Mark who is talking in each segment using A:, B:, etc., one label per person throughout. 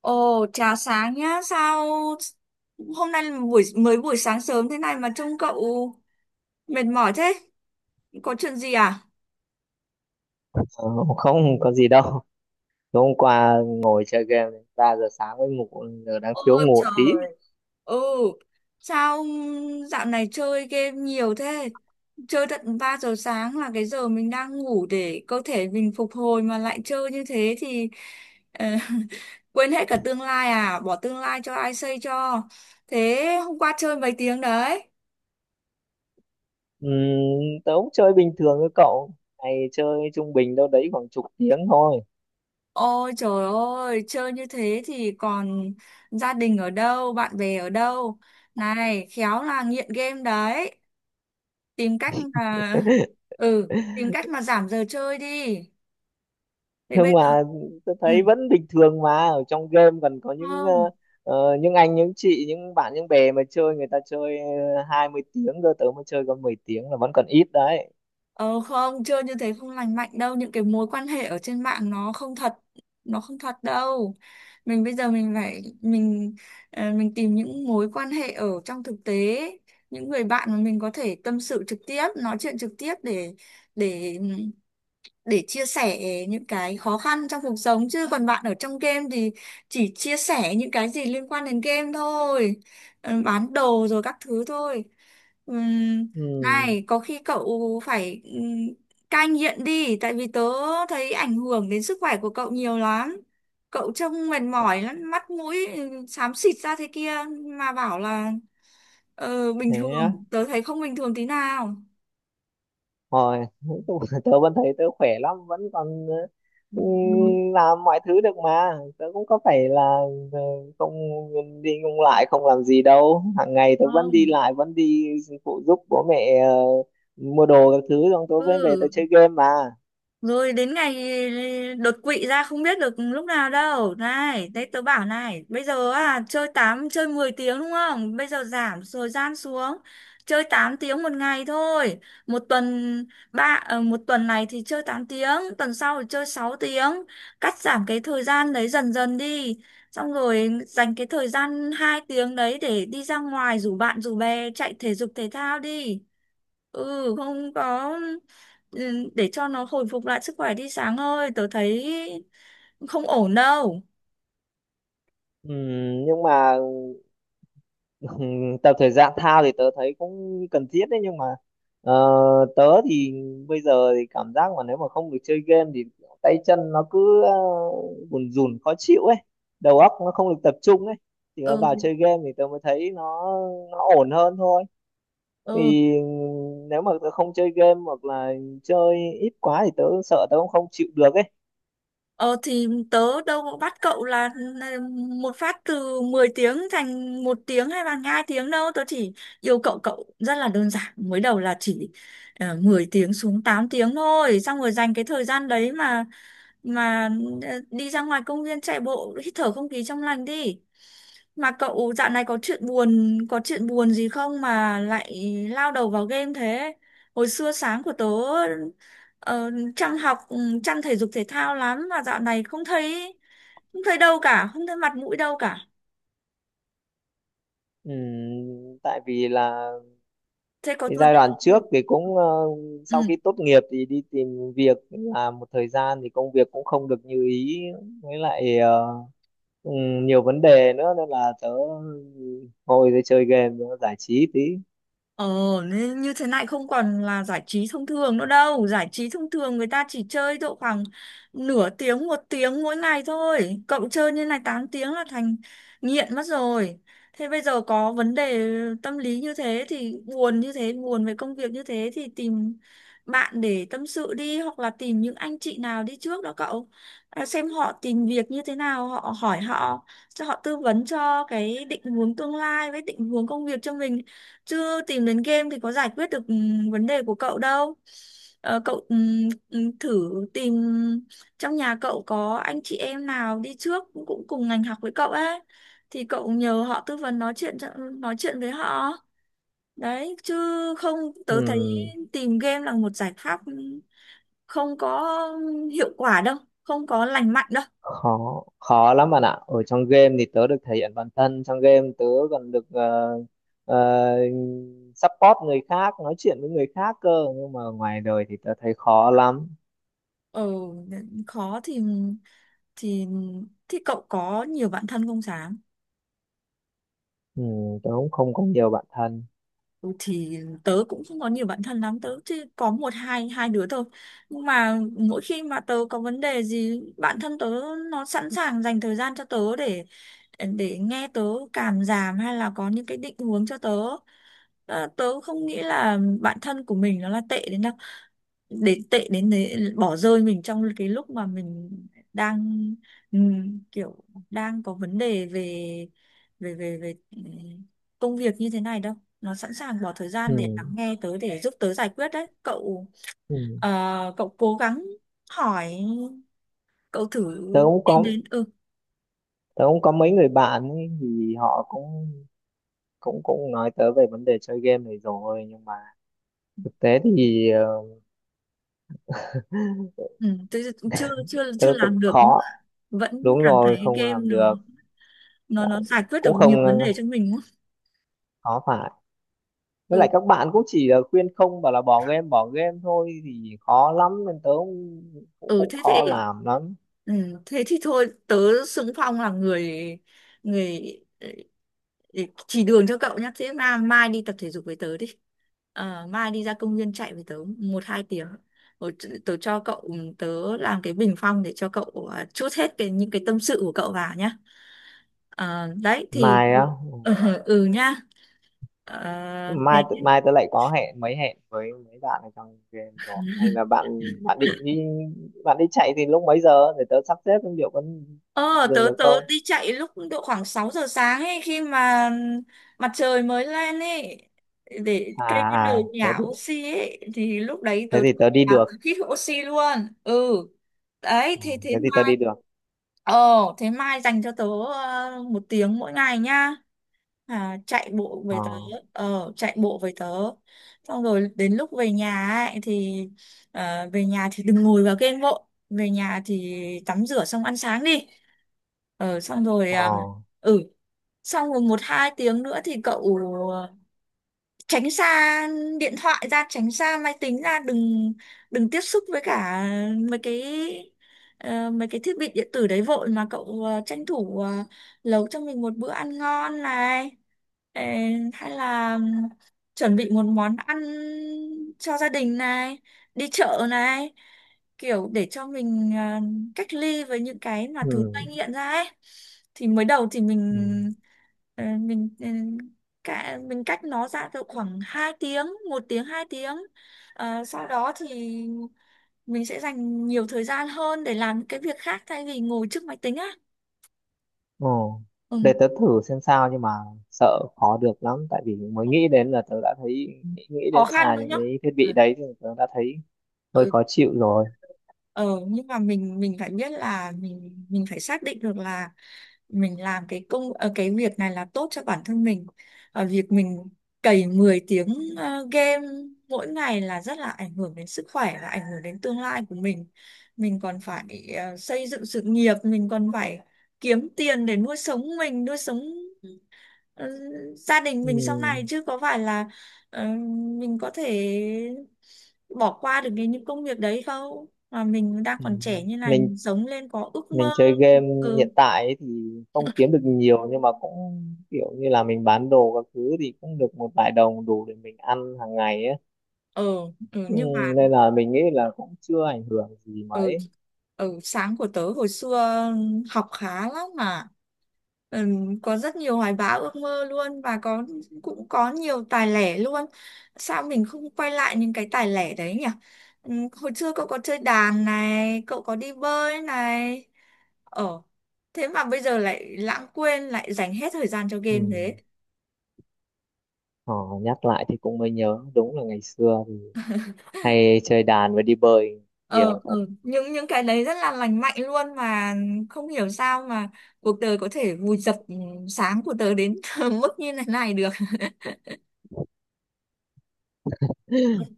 A: Ồ, chào sáng nhá. Sao hôm nay là buổi sáng sớm thế này mà trông cậu mệt mỏi thế? Có chuyện gì à?
B: Ờ, Không có gì đâu. Tối hôm qua ngồi chơi game đến ba giờ sáng mới ngủ, giờ đang thiếu
A: Ôi
B: ngủ tí.
A: trời. Ừ. Sao dạo này chơi game nhiều thế? Chơi tận 3 giờ sáng là cái giờ mình đang ngủ để cơ thể mình phục hồi mà lại chơi như thế thì ờ, quên hết cả tương lai à? Bỏ tương lai cho ai xây cho. Thế hôm qua chơi mấy tiếng đấy?
B: Ừm, Tớ cũng chơi bình thường với cậu, ngày chơi trung bình đâu đấy khoảng chục tiếng thôi.
A: Ôi trời ơi, chơi như thế thì còn gia đình ở đâu, bạn bè ở đâu. Này, khéo là nghiện game đấy. Tìm cách mà Tìm cách mà giảm giờ chơi đi. Thế
B: Nhưng
A: bây giờ.
B: mà tớ
A: Ừ.
B: thấy vẫn bình thường mà, ở trong game còn có những
A: Không.
B: những anh những chị những bạn những bè mà chơi, người ta chơi hai mươi tiếng cơ, tớ mới chơi có 10 tiếng là vẫn còn ít đấy.
A: Ờ không, chơi như thế không lành mạnh đâu, những cái mối quan hệ ở trên mạng nó không thật đâu. Mình bây giờ mình phải mình mình tìm những mối quan hệ ở trong thực tế, những người bạn mà mình có thể tâm sự trực tiếp, nói chuyện trực tiếp để để chia sẻ những cái khó khăn trong cuộc sống, chứ còn bạn ở trong game thì chỉ chia sẻ những cái gì liên quan đến game thôi. Ờ, bán đồ rồi các thứ thôi. Ừm,
B: Ừm,
A: Này có khi cậu phải cai nghiện đi, tại vì tớ thấy ảnh hưởng đến sức khỏe của cậu nhiều lắm, cậu trông mệt mỏi lắm, mắt mũi xám xịt ra thế kia mà bảo là bình
B: Thế á.
A: thường, tớ thấy không bình thường tí nào.
B: Rồi, nói chung là tớ vẫn thấy tớ khỏe lắm, vẫn còn ừ,
A: Ừ.
B: làm mọi thứ được mà. Tớ cũng có phải là ừ, không đi không lại, không làm gì đâu. Hàng ngày tớ vẫn đi
A: Không
B: lại, vẫn đi phụ giúp bố mẹ mua đồ các thứ, xong tớ mới về tớ
A: ừ
B: chơi game mà.
A: rồi đến ngày đột quỵ ra không biết được lúc nào đâu. Này đấy tớ bảo này, bây giờ chơi tám, chơi 10 tiếng đúng không, bây giờ giảm thời gian xuống, chơi 8 tiếng 1 ngày thôi. Một tuần một tuần này thì chơi 8 tiếng tuần sau thì chơi 6 tiếng cắt giảm cái thời gian đấy dần dần đi, xong rồi dành cái thời gian 2 tiếng đấy để đi ra ngoài rủ bạn rủ bè chạy thể dục thể thao đi. Ừ không có ừ, Để cho nó hồi phục lại sức khỏe đi, sáng ơi tớ thấy không ổn đâu.
B: Nhưng mà ừ, tập thể dục thao thì tớ thấy cũng cần thiết đấy, nhưng mà ờ, tớ thì bây giờ thì cảm giác mà nếu mà không được chơi game thì tay chân nó cứ bùn rùn khó chịu ấy, đầu óc nó không được tập trung ấy, thì nó
A: ừ
B: vào chơi game thì tớ mới thấy nó ổn hơn thôi.
A: ừ
B: Thì nếu mà tớ không chơi game hoặc là chơi ít quá thì tớ sợ tớ cũng không chịu được ấy.
A: Ờ thì tớ đâu có bắt cậu là một phát từ 10 tiếng thành 1 tiếng hay là 2 tiếng đâu. Tớ chỉ yêu cậu cậu rất là đơn giản. Mới đầu là chỉ 10 tiếng xuống 8 tiếng thôi. Xong rồi dành cái thời gian đấy mà đi ra ngoài công viên chạy bộ hít thở không khí trong lành đi. Mà cậu dạo này có chuyện buồn gì không mà lại lao đầu vào game thế? Hồi xưa sáng của tớ. Ờ, Trang học, Trang thể dục thể thao lắm mà dạo này không thấy, không thấy đâu cả, không thấy mặt mũi đâu cả,
B: Tại vì là
A: thế có
B: cái
A: vấn.
B: giai đoạn trước thì cũng sau
A: ừ.
B: khi tốt nghiệp thì đi tìm việc làm một thời gian thì công việc cũng không được như ý, với lại nhiều vấn đề nữa nên là tớ ngồi để chơi game nữa, giải trí tí.
A: Ờ, nên như thế này không còn là giải trí thông thường nữa đâu. Giải trí thông thường người ta chỉ chơi độ khoảng nửa tiếng, một tiếng mỗi ngày thôi. Cậu chơi như này 8 tiếng là thành nghiện mất rồi. Thế bây giờ có vấn đề tâm lý như thế thì buồn như thế, buồn về công việc như thế thì tìm bạn để tâm sự đi, hoặc là tìm những anh chị nào đi trước đó cậu. À, xem họ tìm việc như thế nào, họ hỏi họ cho họ tư vấn cho cái định hướng tương lai với định hướng công việc cho mình. Chứ tìm đến game thì có giải quyết được vấn đề của cậu đâu. Ờ, cậu thử tìm trong nhà cậu có anh chị em nào đi trước cũng cũng cùng ngành học với cậu ấy, thì cậu nhờ họ tư vấn, nói chuyện nói chuyện với họ. Đấy, chứ không tớ thấy
B: Ừm,
A: tìm game là một giải pháp không có hiệu quả đâu, không có lành mạnh đâu.
B: Khó khó lắm bạn ạ, ở trong game thì tớ được thể hiện bản thân, trong game tớ còn được ờ, support người khác, nói chuyện với người khác cơ, nhưng mà ngoài đời thì tớ thấy khó lắm.
A: Ừ, khó thì thì cậu có nhiều bạn thân không Sáng?
B: Tớ cũng không có nhiều bạn thân.
A: Ừ, thì tớ cũng không có nhiều bạn thân lắm, tớ chỉ có một, hai hai đứa thôi, nhưng mà mỗi khi mà tớ có vấn đề gì, bạn thân tớ nó sẵn sàng dành thời gian cho tớ để nghe tớ cảm giảm hay là có những cái định hướng cho tớ. Ờ, tớ không nghĩ là bạn thân của mình nó là tệ đến đâu đến tệ đến đấy bỏ rơi mình trong cái lúc mà mình đang kiểu đang có vấn đề về về về về công việc như thế này đâu, nó sẵn sàng bỏ thời gian để lắng
B: Ừm,
A: nghe tớ, để giúp tớ giải quyết đấy cậu.
B: ừm.
A: ờ, Cậu cố gắng hỏi, cậu thử
B: tớ cũng
A: tìm
B: có
A: đến,
B: tớ cũng có mấy người bạn ấy, thì họ cũng cũng cũng nói tớ về vấn đề chơi game này rồi, nhưng mà thực tế thì
A: ừ tớ chưa chưa
B: tớ
A: chưa
B: tự
A: làm được,
B: khó,
A: vẫn
B: đúng
A: cảm
B: rồi,
A: thấy
B: không
A: game
B: làm được.
A: nó
B: Đấy.
A: giải quyết được
B: Cũng
A: nhiều
B: không
A: vấn đề cho mình quá.
B: khó phải, với
A: ừ
B: lại các bạn cũng chỉ là khuyên không, bảo là bỏ game thôi thì khó lắm, nên tớ cũng cũng,
A: ừ
B: cũng
A: thế thì
B: khó làm lắm.
A: ừ, Thế thì thôi tớ xưng Phong là người người ừ, để chỉ đường cho cậu nhá. Thế mà mai đi tập thể dục với tớ đi. Ờ, mai đi ra công viên chạy với tớ một hai tiếng. Rồi tớ cho cậu tớ làm cái bình phong để cho cậu trút hết cái những cái tâm sự của cậu vào nhá. Ờ, đấy thì
B: Mai á?
A: ừ, ừ nhá. Ờ, thế.
B: Mai tớ lại có hẹn hẹn với mấy bạn ở trong game rồi, hay là bạn bạn định đi, bạn đi chạy thì lúc mấy giờ để tớ sắp xếp xem liệu có
A: Ờ,
B: dừng
A: tớ
B: được
A: tớ
B: không.
A: đi chạy lúc độ khoảng 6 giờ sáng ấy, khi mà mặt trời mới lên ấy, để
B: À,
A: cây bắt đầu
B: à
A: nhả oxy ấy, thì lúc đấy
B: thế
A: tớ
B: thì tớ đi
A: nhả
B: được.
A: hít oxy luôn. Ừ. Đấy,
B: Ừ,
A: thế thế
B: thế thì tớ
A: mai,
B: đi được.
A: ờ thế mai dành cho tớ 1 tiếng mỗi ngày nhá. À, chạy bộ
B: Ờ,
A: với tớ, ờ chạy bộ với tớ xong rồi đến lúc về nhà ấy thì về nhà thì đừng ngồi vào game, bộ về nhà thì tắm rửa xong ăn sáng đi. Ờ, xong rồi,
B: ờ,
A: ừ xong rồi một hai tiếng nữa thì cậu ờ, tránh xa điện thoại ra, tránh xa máy tính ra, đừng đừng tiếp xúc với cả mấy cái mấy cái thiết bị điện tử đấy vội, mà cậu tranh thủ nấu cho mình một bữa ăn ngon này. Ờ, hay là chuẩn bị một món ăn cho gia đình này, đi chợ này, kiểu để cho mình cách ly với những cái mà
B: ừ,
A: thứ gây nghiện ra ấy. Thì mới đầu thì
B: ừ,
A: mình ờ, mình ừ, cả mình cách nó ra được khoảng 2 tiếng, một tiếng, 2 tiếng. Ờ, sau đó thì mình sẽ dành nhiều thời gian hơn để làm những cái việc khác thay vì ngồi trước máy tính á.
B: ờ,
A: ừ.
B: để tớ thử xem sao, nhưng mà sợ khó được lắm, tại vì mới nghĩ đến là tớ đã thấy nghĩ
A: Khó
B: đến
A: khăn
B: xài
A: đúng
B: những
A: không?
B: cái thiết bị đấy thì tớ đã thấy hơi
A: Ừ.
B: khó chịu rồi.
A: ờ nhưng mà mình phải biết là mình phải xác định được là mình làm cái cái việc này là tốt cho bản thân mình. Ờ, việc mình cày 10 tiếng game mỗi ngày là rất là ảnh hưởng đến sức khỏe và ảnh hưởng đến tương lai của mình còn phải xây dựng sự nghiệp, mình còn phải kiếm tiền để nuôi sống mình, nuôi sống ờ, gia đình mình sau
B: Ừ.
A: này, chứ có phải là ờ, mình có thể bỏ qua được cái những công việc đấy không. Mà mình đang
B: Ừ.
A: còn trẻ như này
B: mình
A: mình sống lên có ước
B: mình
A: mơ.
B: chơi game
A: ừ
B: hiện tại ấy thì không kiếm được nhiều, nhưng mà cũng kiểu như là mình bán đồ các thứ thì cũng được một vài đồng đủ để mình ăn hàng ngày ấy,
A: ừ,
B: ừ,
A: nhưng mà
B: nên là mình nghĩ là cũng chưa ảnh hưởng gì
A: ừ
B: mấy.
A: sáng của tớ hồi xưa học khá lắm mà, ừ, có rất nhiều hoài bão ước mơ luôn, và cũng có nhiều tài lẻ luôn. Sao mình không quay lại những cái tài lẻ đấy nhỉ? ừ, Hồi xưa cậu có chơi đàn này, cậu có đi bơi này. ờ Thế mà bây giờ lại lãng quên, lại dành hết thời gian cho
B: Ừ.
A: game thế?
B: ờ, Nhắc lại thì cũng mới nhớ, đúng là ngày xưa thì hay chơi đàn và đi bơi
A: Ờ
B: nhiều.
A: ừ. những cái đấy rất là lành mạnh luôn mà, không hiểu sao mà cuộc đời có thể vùi dập sáng của tớ đến mức như thế này được.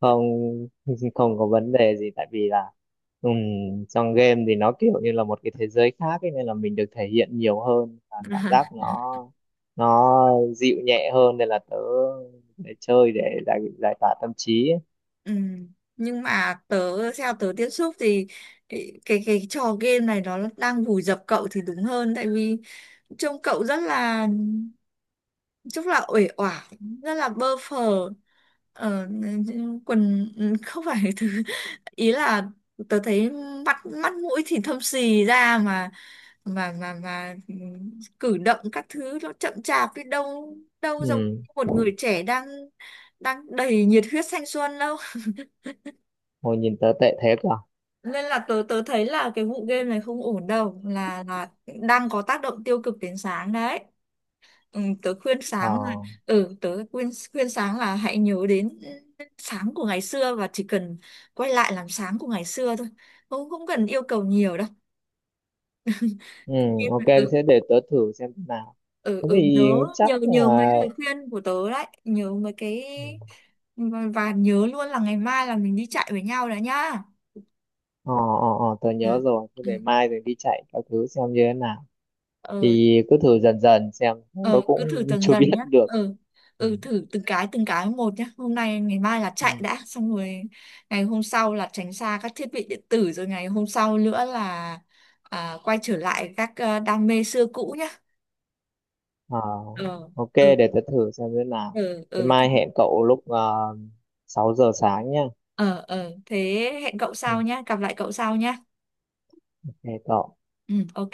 B: Không, không có vấn đề gì, tại vì là trong game thì nó kiểu như là một cái thế giới khác ấy, nên là mình được thể hiện nhiều hơn và cảm giác nó dịu nhẹ hơn, nên là tớ để chơi để giải giải tỏa tâm trí ấy.
A: Ừ. Nhưng mà theo tớ tiếp xúc thì cái trò game này nó đang vùi dập cậu thì đúng hơn, tại vì trông cậu rất là uể oải, rất là bơ phờ. ờ, quần, không phải thứ, ý là tớ thấy mắt mắt mũi thì thâm xì ra, mà cử động các thứ nó chậm chạp, biết đâu đâu giống
B: Ừm,
A: một người trẻ đang đang đầy nhiệt huyết thanh xuân đâu.
B: hồi nhìn tớ tệ thế cơ?
A: Nên là tớ tớ thấy là cái vụ game này không ổn đâu, là đang có tác động tiêu cực đến sáng đấy. Tớ khuyên
B: Ờ,
A: sáng là ừ tớ khuyên khuyên sáng là hãy nhớ đến sáng của ngày xưa, và chỉ cần quay lại làm sáng của ngày xưa thôi, không không cần yêu cầu nhiều
B: ok,
A: đâu.
B: thế để tớ thử xem thế nào. Thế
A: Ừ
B: thì
A: nhớ
B: chắc
A: nhớ nhớ mấy
B: là
A: lời khuyên của tớ đấy, nhớ mấy cái, và nhớ luôn là ngày mai là mình đi chạy với nhau đó nhá.
B: ờ, ờ, ờ, tớ nhớ
A: ừ
B: rồi, thế để
A: ừ
B: mai rồi đi chạy các thứ xem như thế nào,
A: ờ
B: thì cứ thử dần dần xem. Tớ
A: ờ, cứ thử
B: cũng
A: dần
B: chưa biết
A: dần nhá.
B: được.
A: Ừ
B: Ừ.
A: Thử từng cái một nhá, hôm nay ngày mai là
B: Ừ.
A: chạy đã xong rồi. Ngày hôm sau là tránh xa các thiết bị điện tử, rồi ngày hôm sau nữa là quay trở lại các đam mê xưa cũ nhá.
B: Ờ,
A: ờ
B: ok,
A: ừ
B: để tớ thử xem thế nào.
A: ừ
B: Thế
A: ừ thế-.
B: mai hẹn cậu lúc 6 giờ sáng nhá.
A: Ờ Thế hẹn cậu
B: Ừ.
A: sau nhá, gặp lại cậu sau nhá.
B: Ok cậu.
A: Ừ, ok.